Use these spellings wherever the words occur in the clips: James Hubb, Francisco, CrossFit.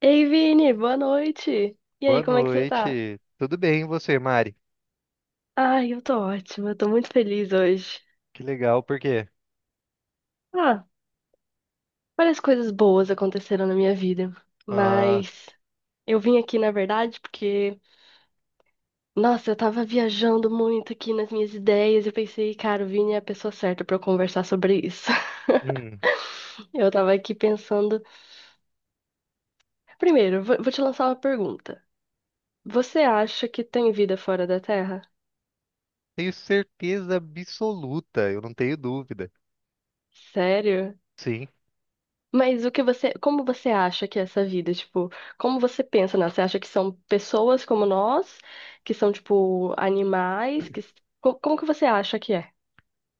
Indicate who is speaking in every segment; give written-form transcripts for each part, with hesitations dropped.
Speaker 1: Ei, Vini, boa noite! E
Speaker 2: Boa
Speaker 1: aí, como é que você tá?
Speaker 2: noite. Tudo bem, e você, Mari?
Speaker 1: Ai, eu tô ótima, eu tô muito feliz hoje.
Speaker 2: Que legal, por quê?
Speaker 1: Ah, várias coisas boas aconteceram na minha vida,
Speaker 2: Ah,
Speaker 1: mas eu vim aqui, na verdade, porque, nossa, eu tava viajando muito aqui nas minhas ideias e eu pensei, cara, o Vini é a pessoa certa pra eu conversar sobre isso.
Speaker 2: hum,
Speaker 1: Eu tava aqui pensando. Primeiro, vou te lançar uma pergunta. Você acha que tem vida fora da Terra?
Speaker 2: Tenho certeza absoluta, eu não tenho dúvida.
Speaker 1: Sério?
Speaker 2: Sim.
Speaker 1: Mas o que você, como você acha que é essa vida? Tipo, como você pensa nela? Você acha que são pessoas como nós, que são, tipo, animais? Que... Como, que você acha que é?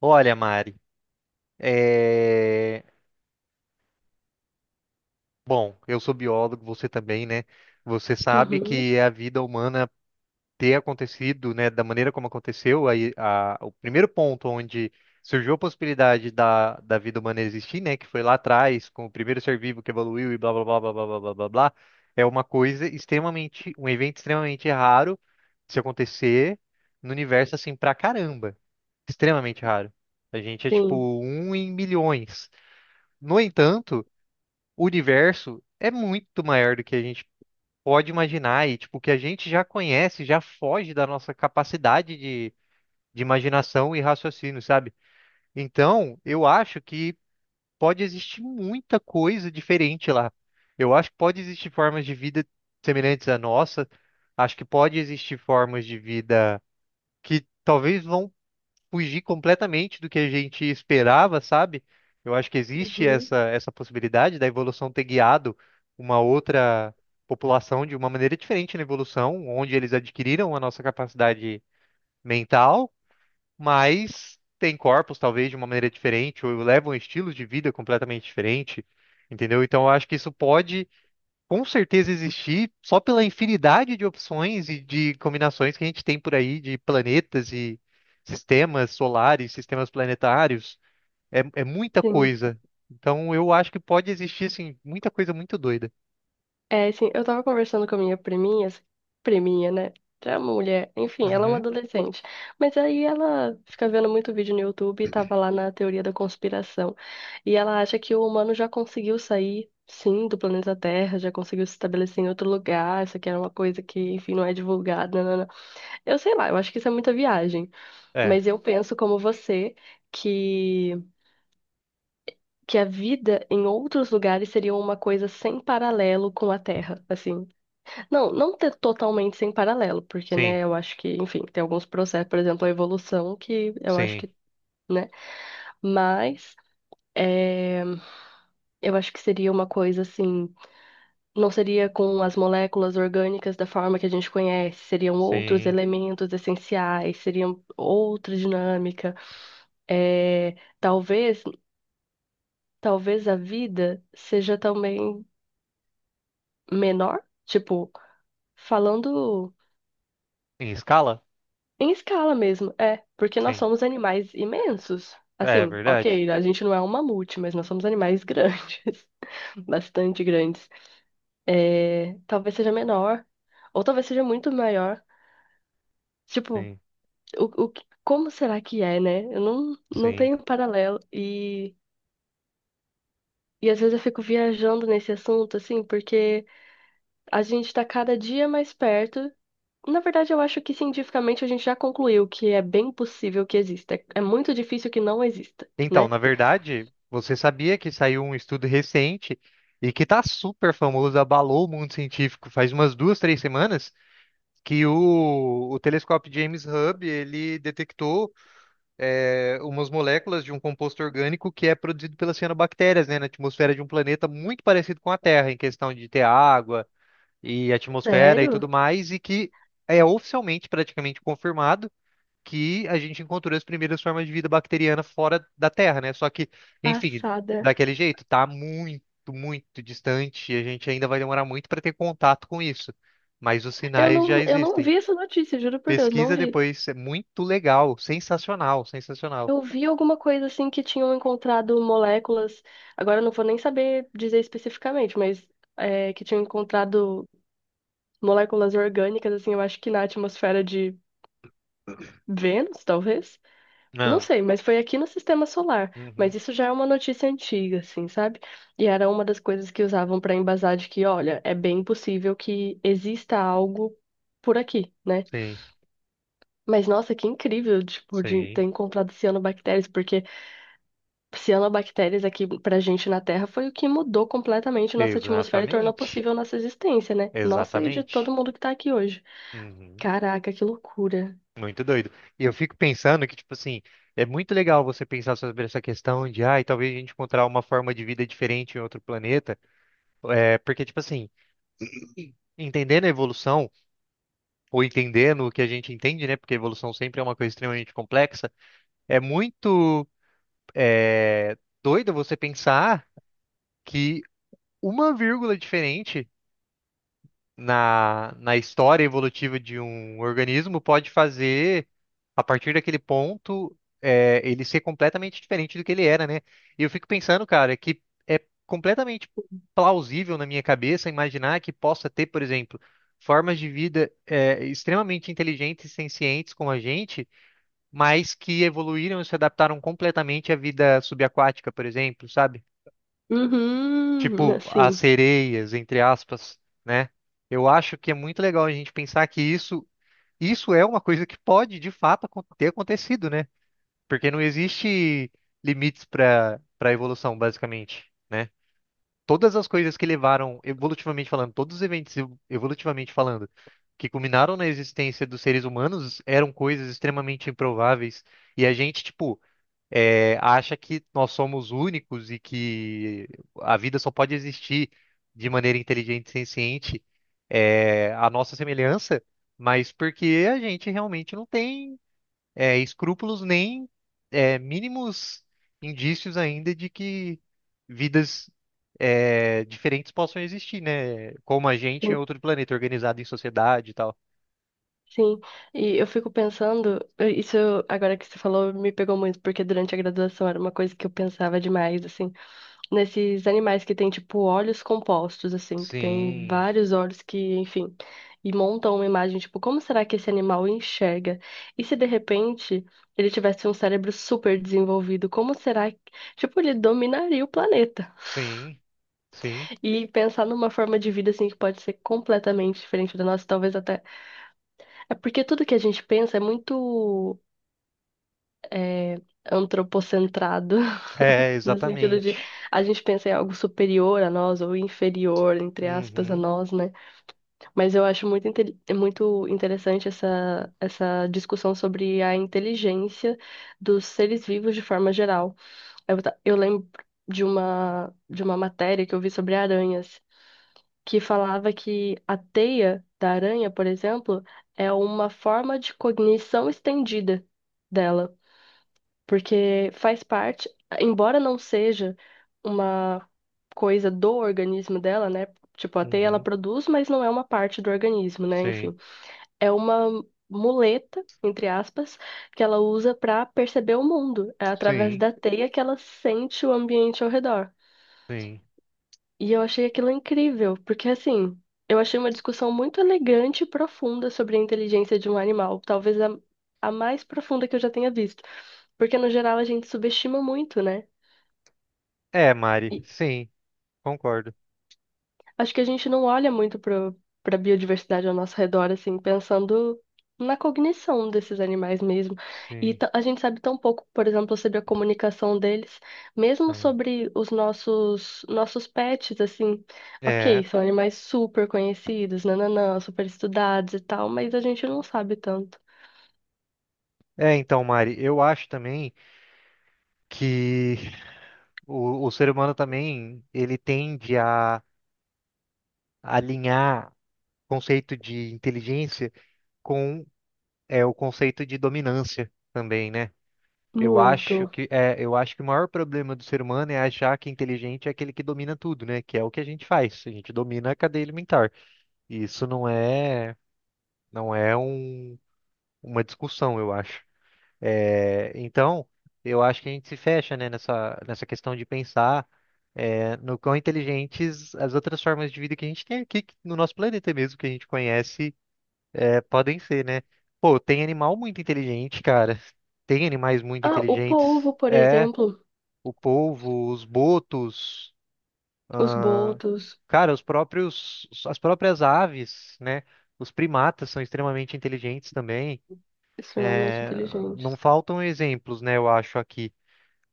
Speaker 2: Olha, Mari, é... Bom, eu sou biólogo, você também, né? Você sabe
Speaker 1: Uhum,
Speaker 2: que a vida humana ter acontecido, né, da maneira como aconteceu, o primeiro ponto onde surgiu a possibilidade da vida humana existir, né, que foi lá atrás, com o primeiro ser vivo que evoluiu e blá blá blá blá blá blá blá blá, blá, é uma coisa extremamente, um evento extremamente raro de se acontecer no universo assim pra caramba, extremamente raro. A gente é tipo
Speaker 1: sim.
Speaker 2: um em milhões. No entanto, o universo é muito maior do que a gente pode imaginar e tipo, o que a gente já conhece já foge da nossa capacidade de imaginação e raciocínio, sabe? Então, eu acho que pode existir muita coisa diferente lá. Eu acho que pode existir formas de vida semelhantes à nossa. Acho que pode existir formas de vida que talvez vão fugir completamente do que a gente esperava, sabe? Eu acho que existe
Speaker 1: Uhum,
Speaker 2: essa possibilidade da evolução ter guiado uma outra população de uma maneira diferente na evolução, onde eles adquiriram a nossa capacidade mental, mas têm corpos talvez de uma maneira diferente, ou levam estilos de vida completamente diferente, entendeu? Então eu acho que isso pode com certeza existir só pela infinidade de opções e de combinações que a gente tem por aí de planetas e sistemas solares, sistemas planetários. É, é muita
Speaker 1: sim.
Speaker 2: coisa. Então eu acho que pode existir, assim, muita coisa muito doida.
Speaker 1: É, assim, eu tava conversando com a minha priminha, assim, priminha, né? É uma mulher, enfim, ela é uma
Speaker 2: Uhum.
Speaker 1: adolescente. Mas aí ela fica vendo muito vídeo no YouTube e tava lá na teoria da conspiração. E ela acha que o humano já conseguiu sair, sim, do planeta Terra, já conseguiu se estabelecer em outro lugar. Isso aqui era uma coisa que, enfim, não é divulgada. Nanana. Eu sei lá, eu acho que isso é muita viagem.
Speaker 2: É,
Speaker 1: Mas eu penso como você que que a vida em outros lugares seria uma coisa sem paralelo com a Terra, assim. Não, não ter totalmente sem paralelo, porque,
Speaker 2: sim,
Speaker 1: né, eu acho que, enfim, tem alguns processos, por exemplo, a evolução, que eu acho
Speaker 2: sim,
Speaker 1: que, né, mas é, eu acho que seria uma coisa assim, não seria com as moléculas orgânicas da forma que a gente conhece, seriam outros
Speaker 2: sim.
Speaker 1: elementos essenciais, seriam outra dinâmica. É, talvez, talvez a vida seja também menor, tipo, falando.
Speaker 2: Em escala?
Speaker 1: Em escala mesmo, é, porque nós
Speaker 2: Sim.
Speaker 1: somos animais imensos.
Speaker 2: É, é
Speaker 1: Assim,
Speaker 2: verdade.
Speaker 1: ok, a gente não é um mamute, mas nós somos animais grandes, bastante grandes. É, talvez seja menor, ou talvez seja muito maior. Tipo,
Speaker 2: Sim,
Speaker 1: como será que é, né? Eu não, não
Speaker 2: sim.
Speaker 1: tenho paralelo. E às vezes eu fico viajando nesse assunto, assim, porque a gente tá cada dia mais perto. Na verdade, eu acho que cientificamente a gente já concluiu que é bem possível que exista. É é muito difícil que não exista,
Speaker 2: Então,
Speaker 1: né?
Speaker 2: na verdade, você sabia que saiu um estudo recente e que tá super famoso, abalou o mundo científico faz umas duas, três semanas? Que o telescópio James Hubb ele detectou, umas moléculas de um composto orgânico que é produzido pelas cianobactérias, né, na atmosfera de um planeta muito parecido com a Terra, em questão de ter água e atmosfera e tudo
Speaker 1: Sério?
Speaker 2: mais, e que é oficialmente praticamente confirmado que a gente encontrou as primeiras formas de vida bacteriana fora da Terra, né? Só que, enfim,
Speaker 1: Passada.
Speaker 2: daquele jeito, tá muito, muito distante e a gente ainda vai demorar muito para ter contato com isso. Mas os sinais já
Speaker 1: Eu não
Speaker 2: existem.
Speaker 1: vi essa notícia, juro por Deus, não
Speaker 2: Pesquisa
Speaker 1: vi.
Speaker 2: depois, é muito legal, sensacional, sensacional.
Speaker 1: Eu vi alguma coisa assim que tinham encontrado moléculas, agora eu não vou nem saber dizer especificamente, mas é, que tinham encontrado moléculas orgânicas, assim, eu acho que na atmosfera de Vênus, talvez. Não
Speaker 2: Não.
Speaker 1: sei, mas foi aqui no sistema solar.
Speaker 2: Uhum.
Speaker 1: Mas isso já é uma notícia antiga, assim, sabe? E era uma das coisas que usavam para embasar de que, olha, é bem possível que exista algo por aqui, né?
Speaker 2: Sim,
Speaker 1: Mas nossa, que incrível, tipo, de
Speaker 2: sim.
Speaker 1: ter encontrado cianobactérias, porque cianobactérias aqui pra gente na Terra foi o que mudou completamente nossa atmosfera e tornou
Speaker 2: Exatamente.
Speaker 1: possível nossa existência, né? Nossa e de todo
Speaker 2: Exatamente.
Speaker 1: mundo que tá aqui hoje.
Speaker 2: Uhum.
Speaker 1: Caraca, que loucura.
Speaker 2: Muito doido. E eu fico pensando que, tipo assim, é muito legal você pensar sobre essa questão de, ah, talvez a gente encontrar uma forma de vida diferente em outro planeta. É, porque, tipo assim, entendendo a evolução, ou entendendo o que a gente entende, né? Porque a evolução sempre é uma coisa extremamente complexa, é muito doido você pensar. Que uma vírgula diferente na história evolutiva de um organismo pode fazer, a partir daquele ponto, ele ser completamente diferente do que ele era, né? E eu fico pensando, cara, que é completamente plausível na minha cabeça imaginar que possa ter, por exemplo, formas de vida, extremamente inteligentes e sencientes como a gente, mas que evoluíram e se adaptaram completamente à vida subaquática, por exemplo, sabe?
Speaker 1: Uhum,
Speaker 2: Tipo as
Speaker 1: assim,
Speaker 2: sereias, entre aspas, né? Eu acho que é muito legal a gente pensar que isso é uma coisa que pode de fato acon- ter acontecido, né? Porque não existe limites para a evolução, basicamente, né? Todas as coisas que levaram, evolutivamente falando, todos os evolutivamente falando, que culminaram na existência dos seres humanos eram coisas extremamente improváveis. E a gente, tipo, acha que nós somos únicos e que a vida só pode existir de maneira inteligente e senciente, a nossa semelhança, mas porque a gente realmente não tem, escrúpulos nem, mínimos indícios ainda de que vidas, diferentes possam existir, né? Como a gente em
Speaker 1: sim,
Speaker 2: outro planeta, organizado em sociedade e tal.
Speaker 1: sim. E eu fico pensando, isso agora que você falou me pegou muito, porque durante a graduação era uma coisa que eu pensava demais, assim. Nesses animais que tem, tipo, olhos compostos, assim, que tem
Speaker 2: Sim,
Speaker 1: vários olhos que, enfim, e montam uma imagem, tipo, como será que esse animal enxerga? E se de repente ele tivesse um cérebro super desenvolvido, como será que, tipo, ele dominaria o planeta?
Speaker 2: sim, sim.
Speaker 1: E pensar numa forma de vida, assim, que pode ser completamente diferente da nossa, talvez até. É porque tudo que a gente pensa é muito. É, antropocentrado.
Speaker 2: É,
Speaker 1: No sentido de
Speaker 2: exatamente.
Speaker 1: a gente pensa em algo superior a nós ou inferior, entre aspas, a
Speaker 2: Uhum.
Speaker 1: nós, né? Mas eu acho muito, é muito interessante essa, essa discussão sobre a inteligência dos seres vivos de forma geral. Eu, eu lembro de uma matéria que eu vi sobre aranhas, que falava que a teia da aranha, por exemplo, é uma forma de cognição estendida dela porque faz parte, embora não seja uma coisa do organismo dela, né? Tipo, a teia ela
Speaker 2: Uhum.
Speaker 1: produz, mas não é uma parte do organismo, né?
Speaker 2: Sim,
Speaker 1: Enfim, é uma muleta, entre aspas, que ela usa para perceber o mundo. É através
Speaker 2: sim,
Speaker 1: da teia que ela sente o ambiente ao redor.
Speaker 2: sim.
Speaker 1: E eu achei aquilo incrível, porque assim, eu achei uma discussão muito elegante e profunda sobre a inteligência de um animal, talvez a mais profunda que eu já tenha visto. Porque no geral a gente subestima muito, né?
Speaker 2: É, Mari, sim, concordo.
Speaker 1: Acho que a gente não olha muito para biodiversidade ao nosso redor, assim, pensando na cognição desses animais mesmo. E
Speaker 2: Sim,
Speaker 1: a gente sabe tão pouco, por exemplo, sobre a comunicação deles, mesmo
Speaker 2: sim.
Speaker 1: sobre os nossos pets, assim. Ok,
Speaker 2: É,
Speaker 1: são animais super conhecidos, nananã, super estudados e tal, mas a gente não sabe tanto.
Speaker 2: então, Mari, eu acho também que o ser humano também, ele tende a alinhar o conceito de inteligência com, o conceito de dominância também, né? Eu acho
Speaker 1: Muito.
Speaker 2: que eu acho que o maior problema do ser humano é achar que inteligente é aquele que domina tudo, né? Que é o que a gente faz. A gente domina a cadeia alimentar. E isso não é, não é um, uma discussão, eu acho. Então, eu acho que a gente se fecha, né, nessa questão de pensar, no quão inteligentes as outras formas de vida que a gente tem aqui no nosso planeta mesmo, que a gente conhece, podem ser, né? Pô, tem animal muito inteligente, cara. Tem animais muito
Speaker 1: Ah, o
Speaker 2: inteligentes.
Speaker 1: polvo, por
Speaker 2: É,
Speaker 1: exemplo,
Speaker 2: o polvo, os botos,
Speaker 1: os
Speaker 2: ah,
Speaker 1: botos,
Speaker 2: cara, os próprios, as próprias aves, né? Os primatas são extremamente inteligentes também.
Speaker 1: extremamente
Speaker 2: É,
Speaker 1: inteligentes,
Speaker 2: não faltam exemplos, né, eu acho aqui.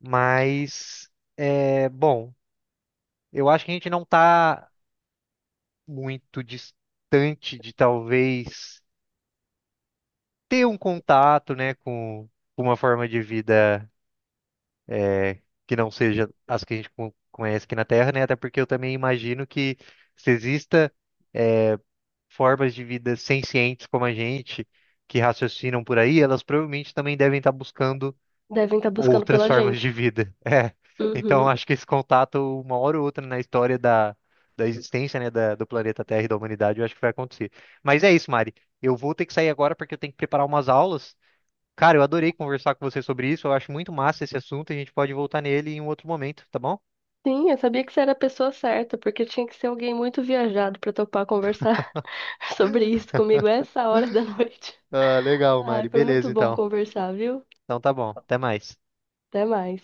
Speaker 2: Mas, bom, eu acho que a gente não está muito distante de talvez ter um contato, né, com uma forma de vida, é, que não seja as que a gente conhece aqui na Terra, né? Até porque eu também imagino que se exista, é, formas de vida sencientes como a gente, que raciocinam por aí, elas provavelmente também devem estar buscando
Speaker 1: devem estar buscando
Speaker 2: outras
Speaker 1: pela
Speaker 2: formas
Speaker 1: gente.
Speaker 2: de vida. É. Então,
Speaker 1: Uhum.
Speaker 2: acho que esse contato, uma hora ou outra na história da existência, né, da- do planeta Terra e da humanidade, eu acho que vai acontecer. Mas é isso, Mari. Eu vou ter que sair agora porque eu tenho que preparar umas aulas. Cara, eu adorei conversar com você sobre isso. Eu acho muito massa esse assunto. A gente pode voltar nele em um outro momento, tá bom?
Speaker 1: Sim, eu sabia que você era a pessoa certa, porque tinha que ser alguém muito viajado pra topar conversar sobre isso comigo essa hora da noite.
Speaker 2: Ah, legal,
Speaker 1: Ah,
Speaker 2: Mari.
Speaker 1: foi muito
Speaker 2: Beleza,
Speaker 1: bom
Speaker 2: então.
Speaker 1: conversar, viu?
Speaker 2: Então tá bom. Até mais.
Speaker 1: Até mais.